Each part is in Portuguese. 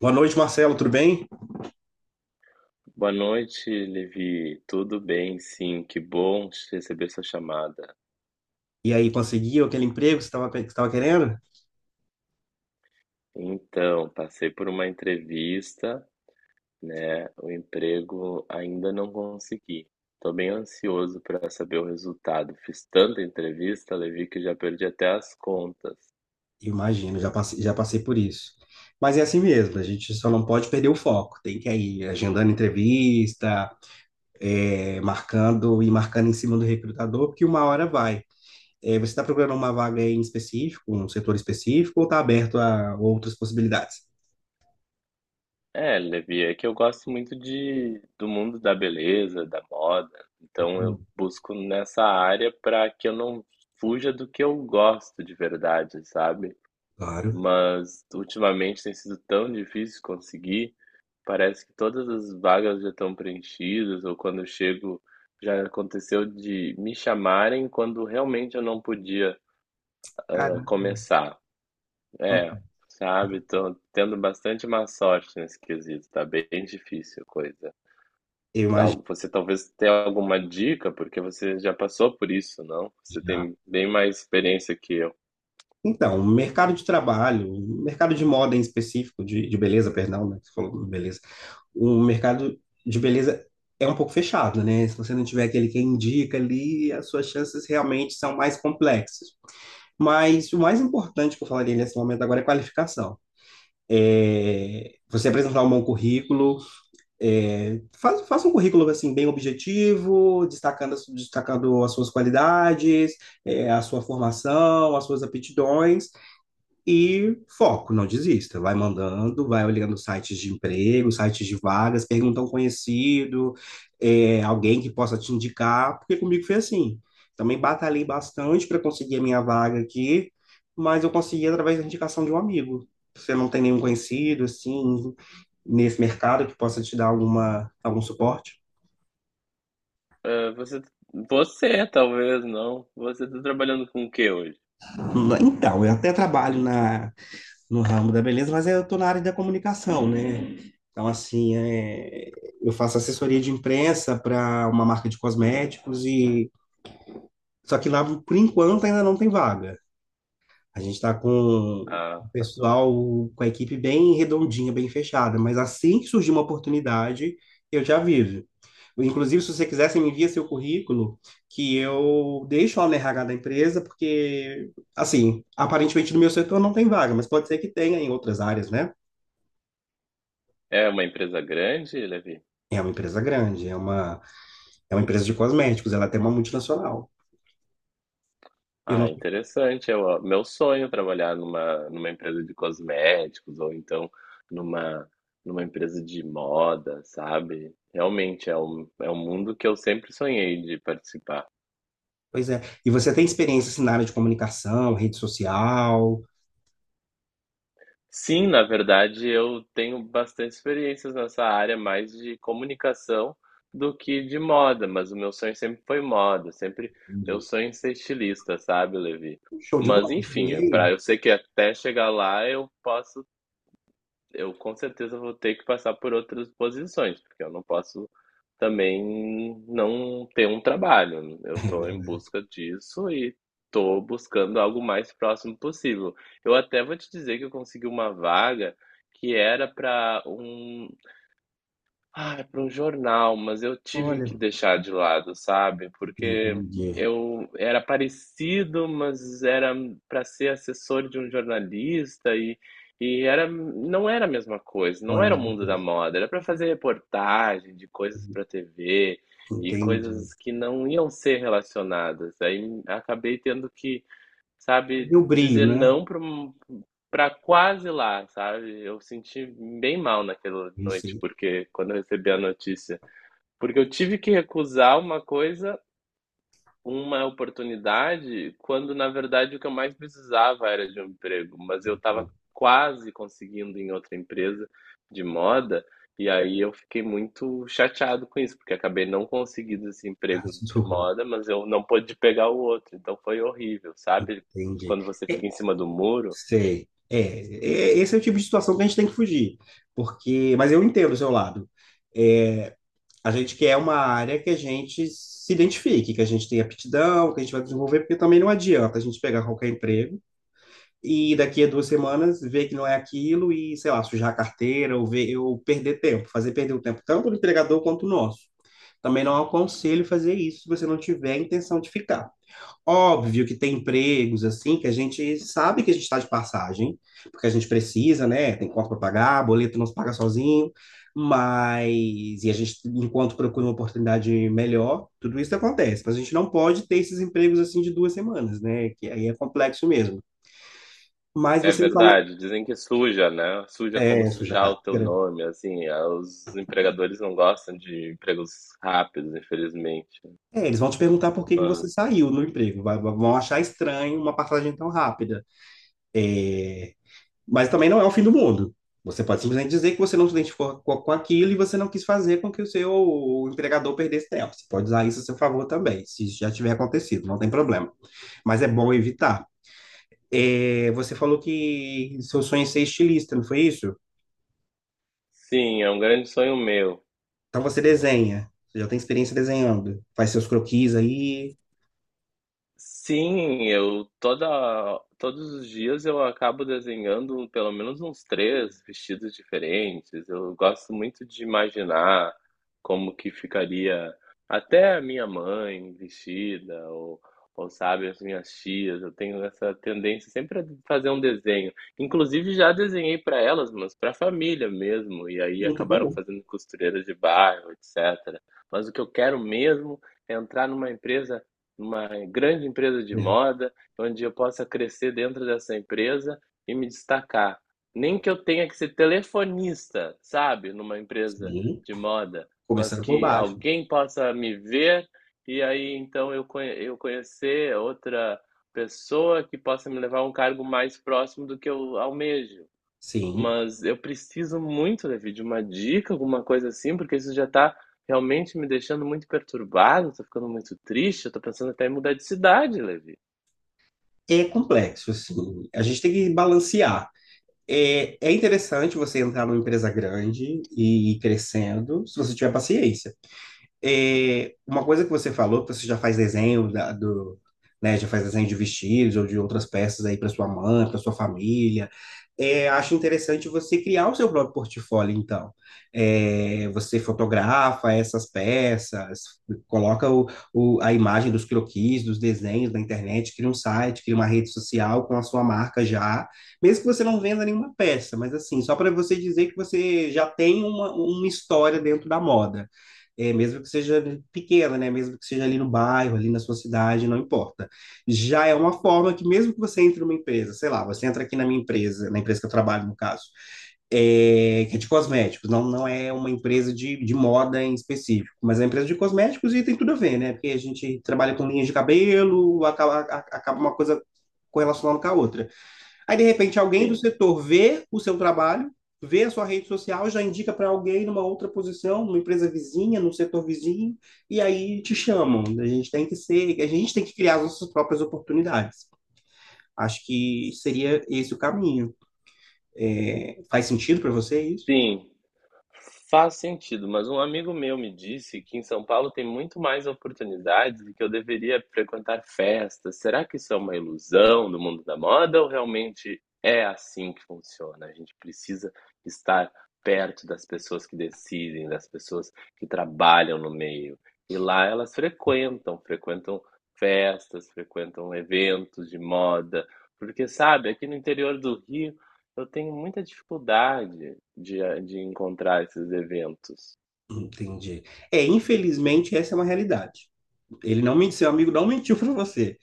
Boa noite, Marcelo, tudo bem? Boa noite, Levi. Tudo bem? Sim, que bom te receber sua chamada. E aí, conseguiu aquele emprego que você estava querendo? Então, passei por uma entrevista, né? O emprego ainda não consegui. Estou bem ansioso para saber o resultado. Fiz tanta entrevista, Levi, que já perdi até as contas. Imagino, já passei por isso. Mas é assim mesmo, a gente só não pode perder o foco. Tem que ir agendando entrevista, marcando e marcando em cima do recrutador, porque uma hora vai. Você está procurando uma vaga em específico, um setor específico, ou está aberto a outras possibilidades? É, Levi, é que eu gosto muito do mundo da beleza, da moda. Muito Então eu bom. busco nessa área para que eu não fuja do que eu gosto de verdade, sabe? Claro. Mas ultimamente tem sido tão difícil conseguir. Parece que todas as vagas já estão preenchidas, ou quando eu chego, já aconteceu de me chamarem quando realmente eu não podia Caramba, começar. É, sabe? Tô tendo bastante má sorte nesse quesito, tá bem difícil a coisa. eu imagino. Você talvez tenha alguma dica, porque você já passou por isso, não? Você tem bem mais experiência que eu. Então, o mercado de trabalho, o mercado de moda em específico, de beleza, perdão, né? que Você falou beleza. O mercado de beleza é um pouco fechado, né? Se você não tiver aquele que indica ali, as suas chances realmente são mais complexas. Mas o mais importante que eu falaria nesse momento agora é qualificação. Você apresentar um bom currículo, faça um currículo assim bem objetivo, destacando as suas qualidades, a sua formação, as suas aptidões e foco, não desista. Vai mandando, vai olhando sites de emprego, sites de vagas, pergunta a um conhecido, alguém que possa te indicar, porque comigo foi assim. Também batalhei bastante para conseguir a minha vaga aqui, mas eu consegui através da indicação de um amigo. Você não tem nenhum conhecido, assim, nesse mercado que possa te dar algum suporte? É, você talvez não. Você está trabalhando com o que hoje? Então, eu até trabalho na no ramo da beleza, mas eu estou na área da comunicação, né? Então, assim, eu faço assessoria de imprensa para uma marca de cosméticos e só que lá, por enquanto, ainda não tem vaga. A gente está com o Ah, pessoal, com a equipe bem redondinha, bem fechada, mas assim que surgir uma oportunidade, eu já aviso. Inclusive, se você quiser, você me envia seu currículo, que eu deixo lá no RH da empresa, porque, assim, aparentemente no meu setor não tem vaga, mas pode ser que tenha em outras áreas, né? é uma empresa grande, Levi? É uma empresa grande, é uma empresa de cosméticos, ela tem uma multinacional. E Eu Ah, não, interessante. Meu sonho é trabalhar numa empresa de cosméticos ou então numa, numa empresa de moda, sabe? Realmente é é um mundo que eu sempre sonhei de participar. pois é. E você tem experiência assim, na área de comunicação, rede social? Sim, na verdade, eu tenho bastante experiências nessa área, mais de comunicação do que de moda, mas o meu sonho sempre foi moda, sempre meu Entendi. sonho é ser estilista, sabe, Levi? Show de Mas bola, você enfim, desenha? para eu sei que até chegar lá eu posso eu com certeza vou ter que passar por outras posições, porque eu não posso também não ter um trabalho, né? Eu É estou em verdade. busca disso e estou buscando algo mais próximo possível. Eu até vou te dizer que eu consegui uma vaga que era é para um jornal, mas eu tive Olha, que deixar de lado, sabe? Porque entendi. eu era parecido, mas era para ser assessor de um jornalista e não era a mesma coisa, não Olha a era o mesma mundo da coisa. moda, era para fazer reportagem de coisas para TV e Entendi. coisas que não iam ser relacionadas. Aí acabei tendo que, E sabe, o brilho, dizer né? não para quase lá, sabe? Eu senti bem mal naquela Eu noite, sei. porque quando eu recebi a notícia, porque eu tive que recusar uma oportunidade quando, na verdade, o que eu mais precisava era de um emprego, mas eu estava quase conseguindo em outra empresa de moda, e aí eu fiquei muito chateado com isso, porque acabei não conseguindo esse emprego Traço do de rosto, moda, mas eu não pude pegar o outro, então foi horrível, sabe? entendi. Quando você É, fica em cima do muro, sei. É, esse é o tipo de situação que a gente tem que fugir. Porque, mas eu entendo o seu lado. É, a gente quer uma área que a gente se identifique, que a gente tenha aptidão, que a gente vai desenvolver, porque também não adianta a gente pegar qualquer emprego e daqui a duas semanas ver que não é aquilo e, sei lá, sujar a carteira ou, ver, ou perder tempo, fazer perder o tempo tanto do empregador quanto o nosso. Também não aconselho fazer isso se você não tiver a intenção de ficar. Óbvio que tem empregos assim que a gente sabe que a gente está de passagem, porque a gente precisa, né? Tem conta para pagar, boleto não se paga sozinho, mas e a gente, enquanto procura uma oportunidade melhor, tudo isso acontece. Mas a gente não pode ter esses empregos assim de duas semanas, né? Que aí é complexo mesmo. Mas é você me falou, verdade, dizem que suja, né? Suja como suja a sujar o teu carteira. nome, assim, ah, os empregadores não gostam de empregos rápidos, infelizmente. É, eles vão te perguntar por que que você Mas saiu no emprego, vão achar estranho uma passagem tão rápida. Mas também não é o fim do mundo. Você pode simplesmente dizer que você não se identificou com aquilo e você não quis fazer com que o seu empregador perdesse tempo. Você pode usar isso a seu favor também, se já tiver acontecido, não tem problema. Mas é bom evitar. É, você falou que seu sonho é ser estilista, não foi isso? sim, é um grande sonho meu. Então você desenha, você já tem experiência desenhando, faz seus croquis aí. Sim, eu toda todos os dias eu acabo desenhando pelo menos uns 3 vestidos diferentes. Eu gosto muito de imaginar como que ficaria até a minha mãe vestida ou sabe, as minhas tias. Eu tenho essa tendência sempre a fazer um desenho. Inclusive já desenhei para elas, mas para a família mesmo, e aí Muito acabaram bom. fazendo costureiras de bairro, etc. Mas o que eu quero mesmo é entrar numa grande empresa de É. moda, onde eu possa crescer dentro dessa empresa e me destacar. Nem que eu tenha que ser telefonista, sabe, numa empresa Sim, de moda, mas começando por que baixo. alguém possa me ver e aí então eu conhecer outra pessoa que possa me levar a um cargo mais próximo do que eu almejo. Sim, Mas eu preciso muito, Levi, de uma dica, alguma coisa assim, porque isso já tá realmente me deixando muito perturbado, tô ficando muito triste, eu tô pensando até em mudar de cidade, Levi. é complexo, assim. A gente tem que balancear. É, é interessante você entrar numa empresa grande e ir crescendo, se você tiver paciência. É, uma coisa que você falou, que você já faz desenho da- do, né, já faz desenho de vestidos ou de outras peças aí para sua mãe, para sua família. É, acho interessante você criar o seu próprio portfólio, então. É, você fotografa essas peças, coloca o, a imagem dos croquis, dos desenhos na internet, cria um site, cria uma rede social com a sua marca já, mesmo que você não venda nenhuma peça, mas assim, só para você dizer que você já tem uma história dentro da moda. É, mesmo que seja pequena, né? Mesmo que seja ali no bairro, ali na sua cidade, não importa. Já é uma forma que, mesmo que você entre numa empresa, sei lá, você entra aqui na minha empresa, na empresa que eu trabalho, no caso, é, que é de cosméticos, não é uma empresa de moda em específico, mas é uma empresa de cosméticos e tem tudo a ver, né? Porque a gente trabalha com linhas de cabelo, acaba uma coisa correlacionando com a outra. Aí, de repente, alguém do Sim, setor vê o seu trabalho, vê a sua rede social, já indica para alguém numa outra posição, numa empresa vizinha, num setor vizinho, e aí te chamam. A gente tem que ser, a gente tem que criar as nossas próprias oportunidades. Acho que seria esse o caminho. É, faz sentido para você isso? sim. Faz sentido, mas um amigo meu me disse que em São Paulo tem muito mais oportunidades e que eu deveria frequentar festas. Será que isso é uma ilusão do mundo da moda ou realmente é assim que funciona? A gente precisa estar perto das pessoas que decidem, das pessoas que trabalham no meio. E lá elas frequentam festas, frequentam eventos de moda, porque sabe, aqui no interior do Rio eu tenho muita dificuldade de encontrar esses eventos. Entendi. É, infelizmente, essa é uma realidade. Ele não mentiu, seu amigo não mentiu para você.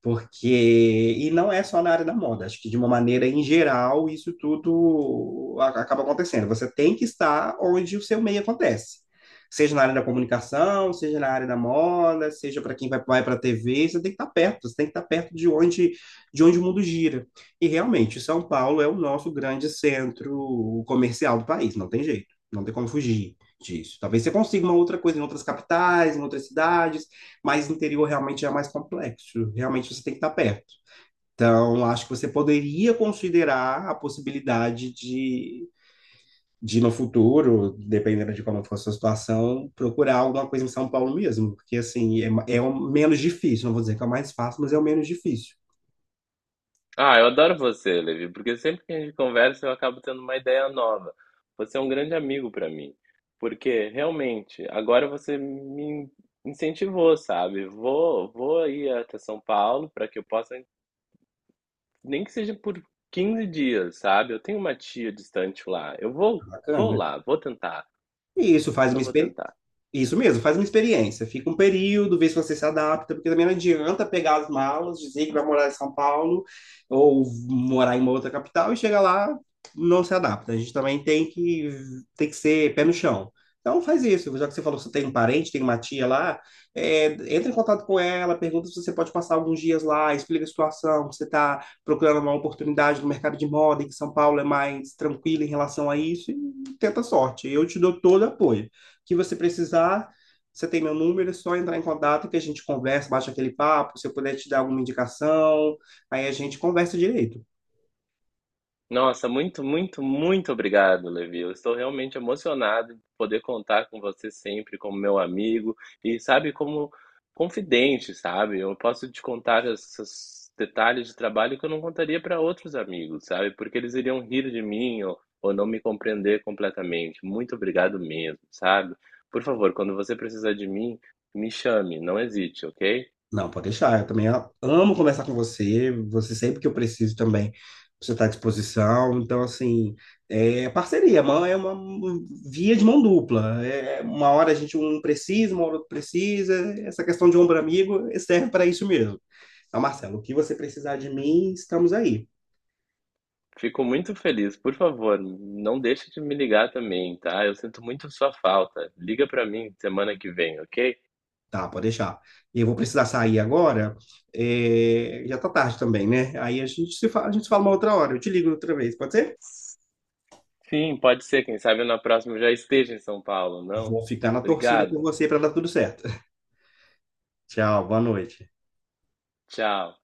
Porque, e não é só na área da moda, acho que de uma maneira em geral isso acaba acontecendo. Você tem que estar onde o seu meio acontece. Seja na área da comunicação, seja na área da moda, seja para quem vai para a TV, você tem que estar perto, você tem que estar perto de onde o mundo gira. E realmente, São Paulo é o nosso grande centro comercial do país, não tem jeito, não tem como fugir disso. Talvez você consiga uma outra coisa em outras capitais, em outras cidades, mas no interior realmente é mais complexo. Realmente você tem que estar perto. Então, acho que você poderia considerar a possibilidade de no futuro, dependendo de como for a sua situação, procurar alguma coisa em São Paulo mesmo. Porque, assim, é o menos difícil. Não vou dizer que é o mais fácil, mas é o menos difícil. Ah, eu adoro você, Levi, porque sempre que a gente conversa eu acabo tendo uma ideia nova. Você é um grande amigo para mim, porque realmente agora você me incentivou, sabe? Vou aí até São Paulo para que eu possa, nem que seja por 15 dias, sabe? Eu tenho uma tia distante lá. Vou Bacana. lá, vou tentar. E isso faz uma Eu vou experiência. tentar. Isso mesmo, faz uma experiência. Fica um período, vê se você se adapta, porque também não adianta pegar as malas, dizer que vai morar em São Paulo ou morar em uma outra capital e chega lá, não se adapta. A gente também tem que ser pé no chão. Então faz isso, já que você falou que você tem um parente, tem uma tia lá, é, entra em contato com ela, pergunta se você pode passar alguns dias lá, explica a situação, que você está procurando uma oportunidade no mercado de moda, e que São Paulo é mais tranquilo em relação a isso, e tenta a sorte. Eu te dou todo o apoio que você precisar, você tem meu número, é só entrar em contato que a gente conversa, bate aquele papo, se eu puder te dar alguma indicação, aí a gente conversa direito. Nossa, muito, muito, muito obrigado, Levi. Eu estou realmente emocionado de poder contar com você sempre como meu amigo e, sabe, como confidente, sabe? Eu posso te contar esses detalhes de trabalho que eu não contaria para outros amigos, sabe? Porque eles iriam rir de mim ou não me compreender completamente. Muito obrigado mesmo, sabe? Por favor, quando você precisar de mim, me chame, não hesite, ok? Não, pode deixar, eu também amo conversar com você, você sempre que eu preciso também, você está à disposição, então assim, é parceria, mão é uma um, via de mão dupla, é uma hora a gente um precisa, uma hora outro precisa, essa questão de ombro amigo serve para isso mesmo. Então, Marcelo, o que você precisar de mim, estamos aí. Fico muito feliz. Por favor, não deixe de me ligar também, tá? Eu sinto muito sua falta. Liga pra mim semana que vem, ok? Tá, pode deixar. Eu vou precisar sair agora. É, já tá tarde também, né? Aí a gente se fala uma outra hora. Eu te ligo outra vez, pode ser? Sim, pode ser. Quem sabe na próxima eu já esteja em São Paulo, não? Vou ficar na torcida por Obrigado. você para dar tudo certo. Tchau, boa noite. Tchau.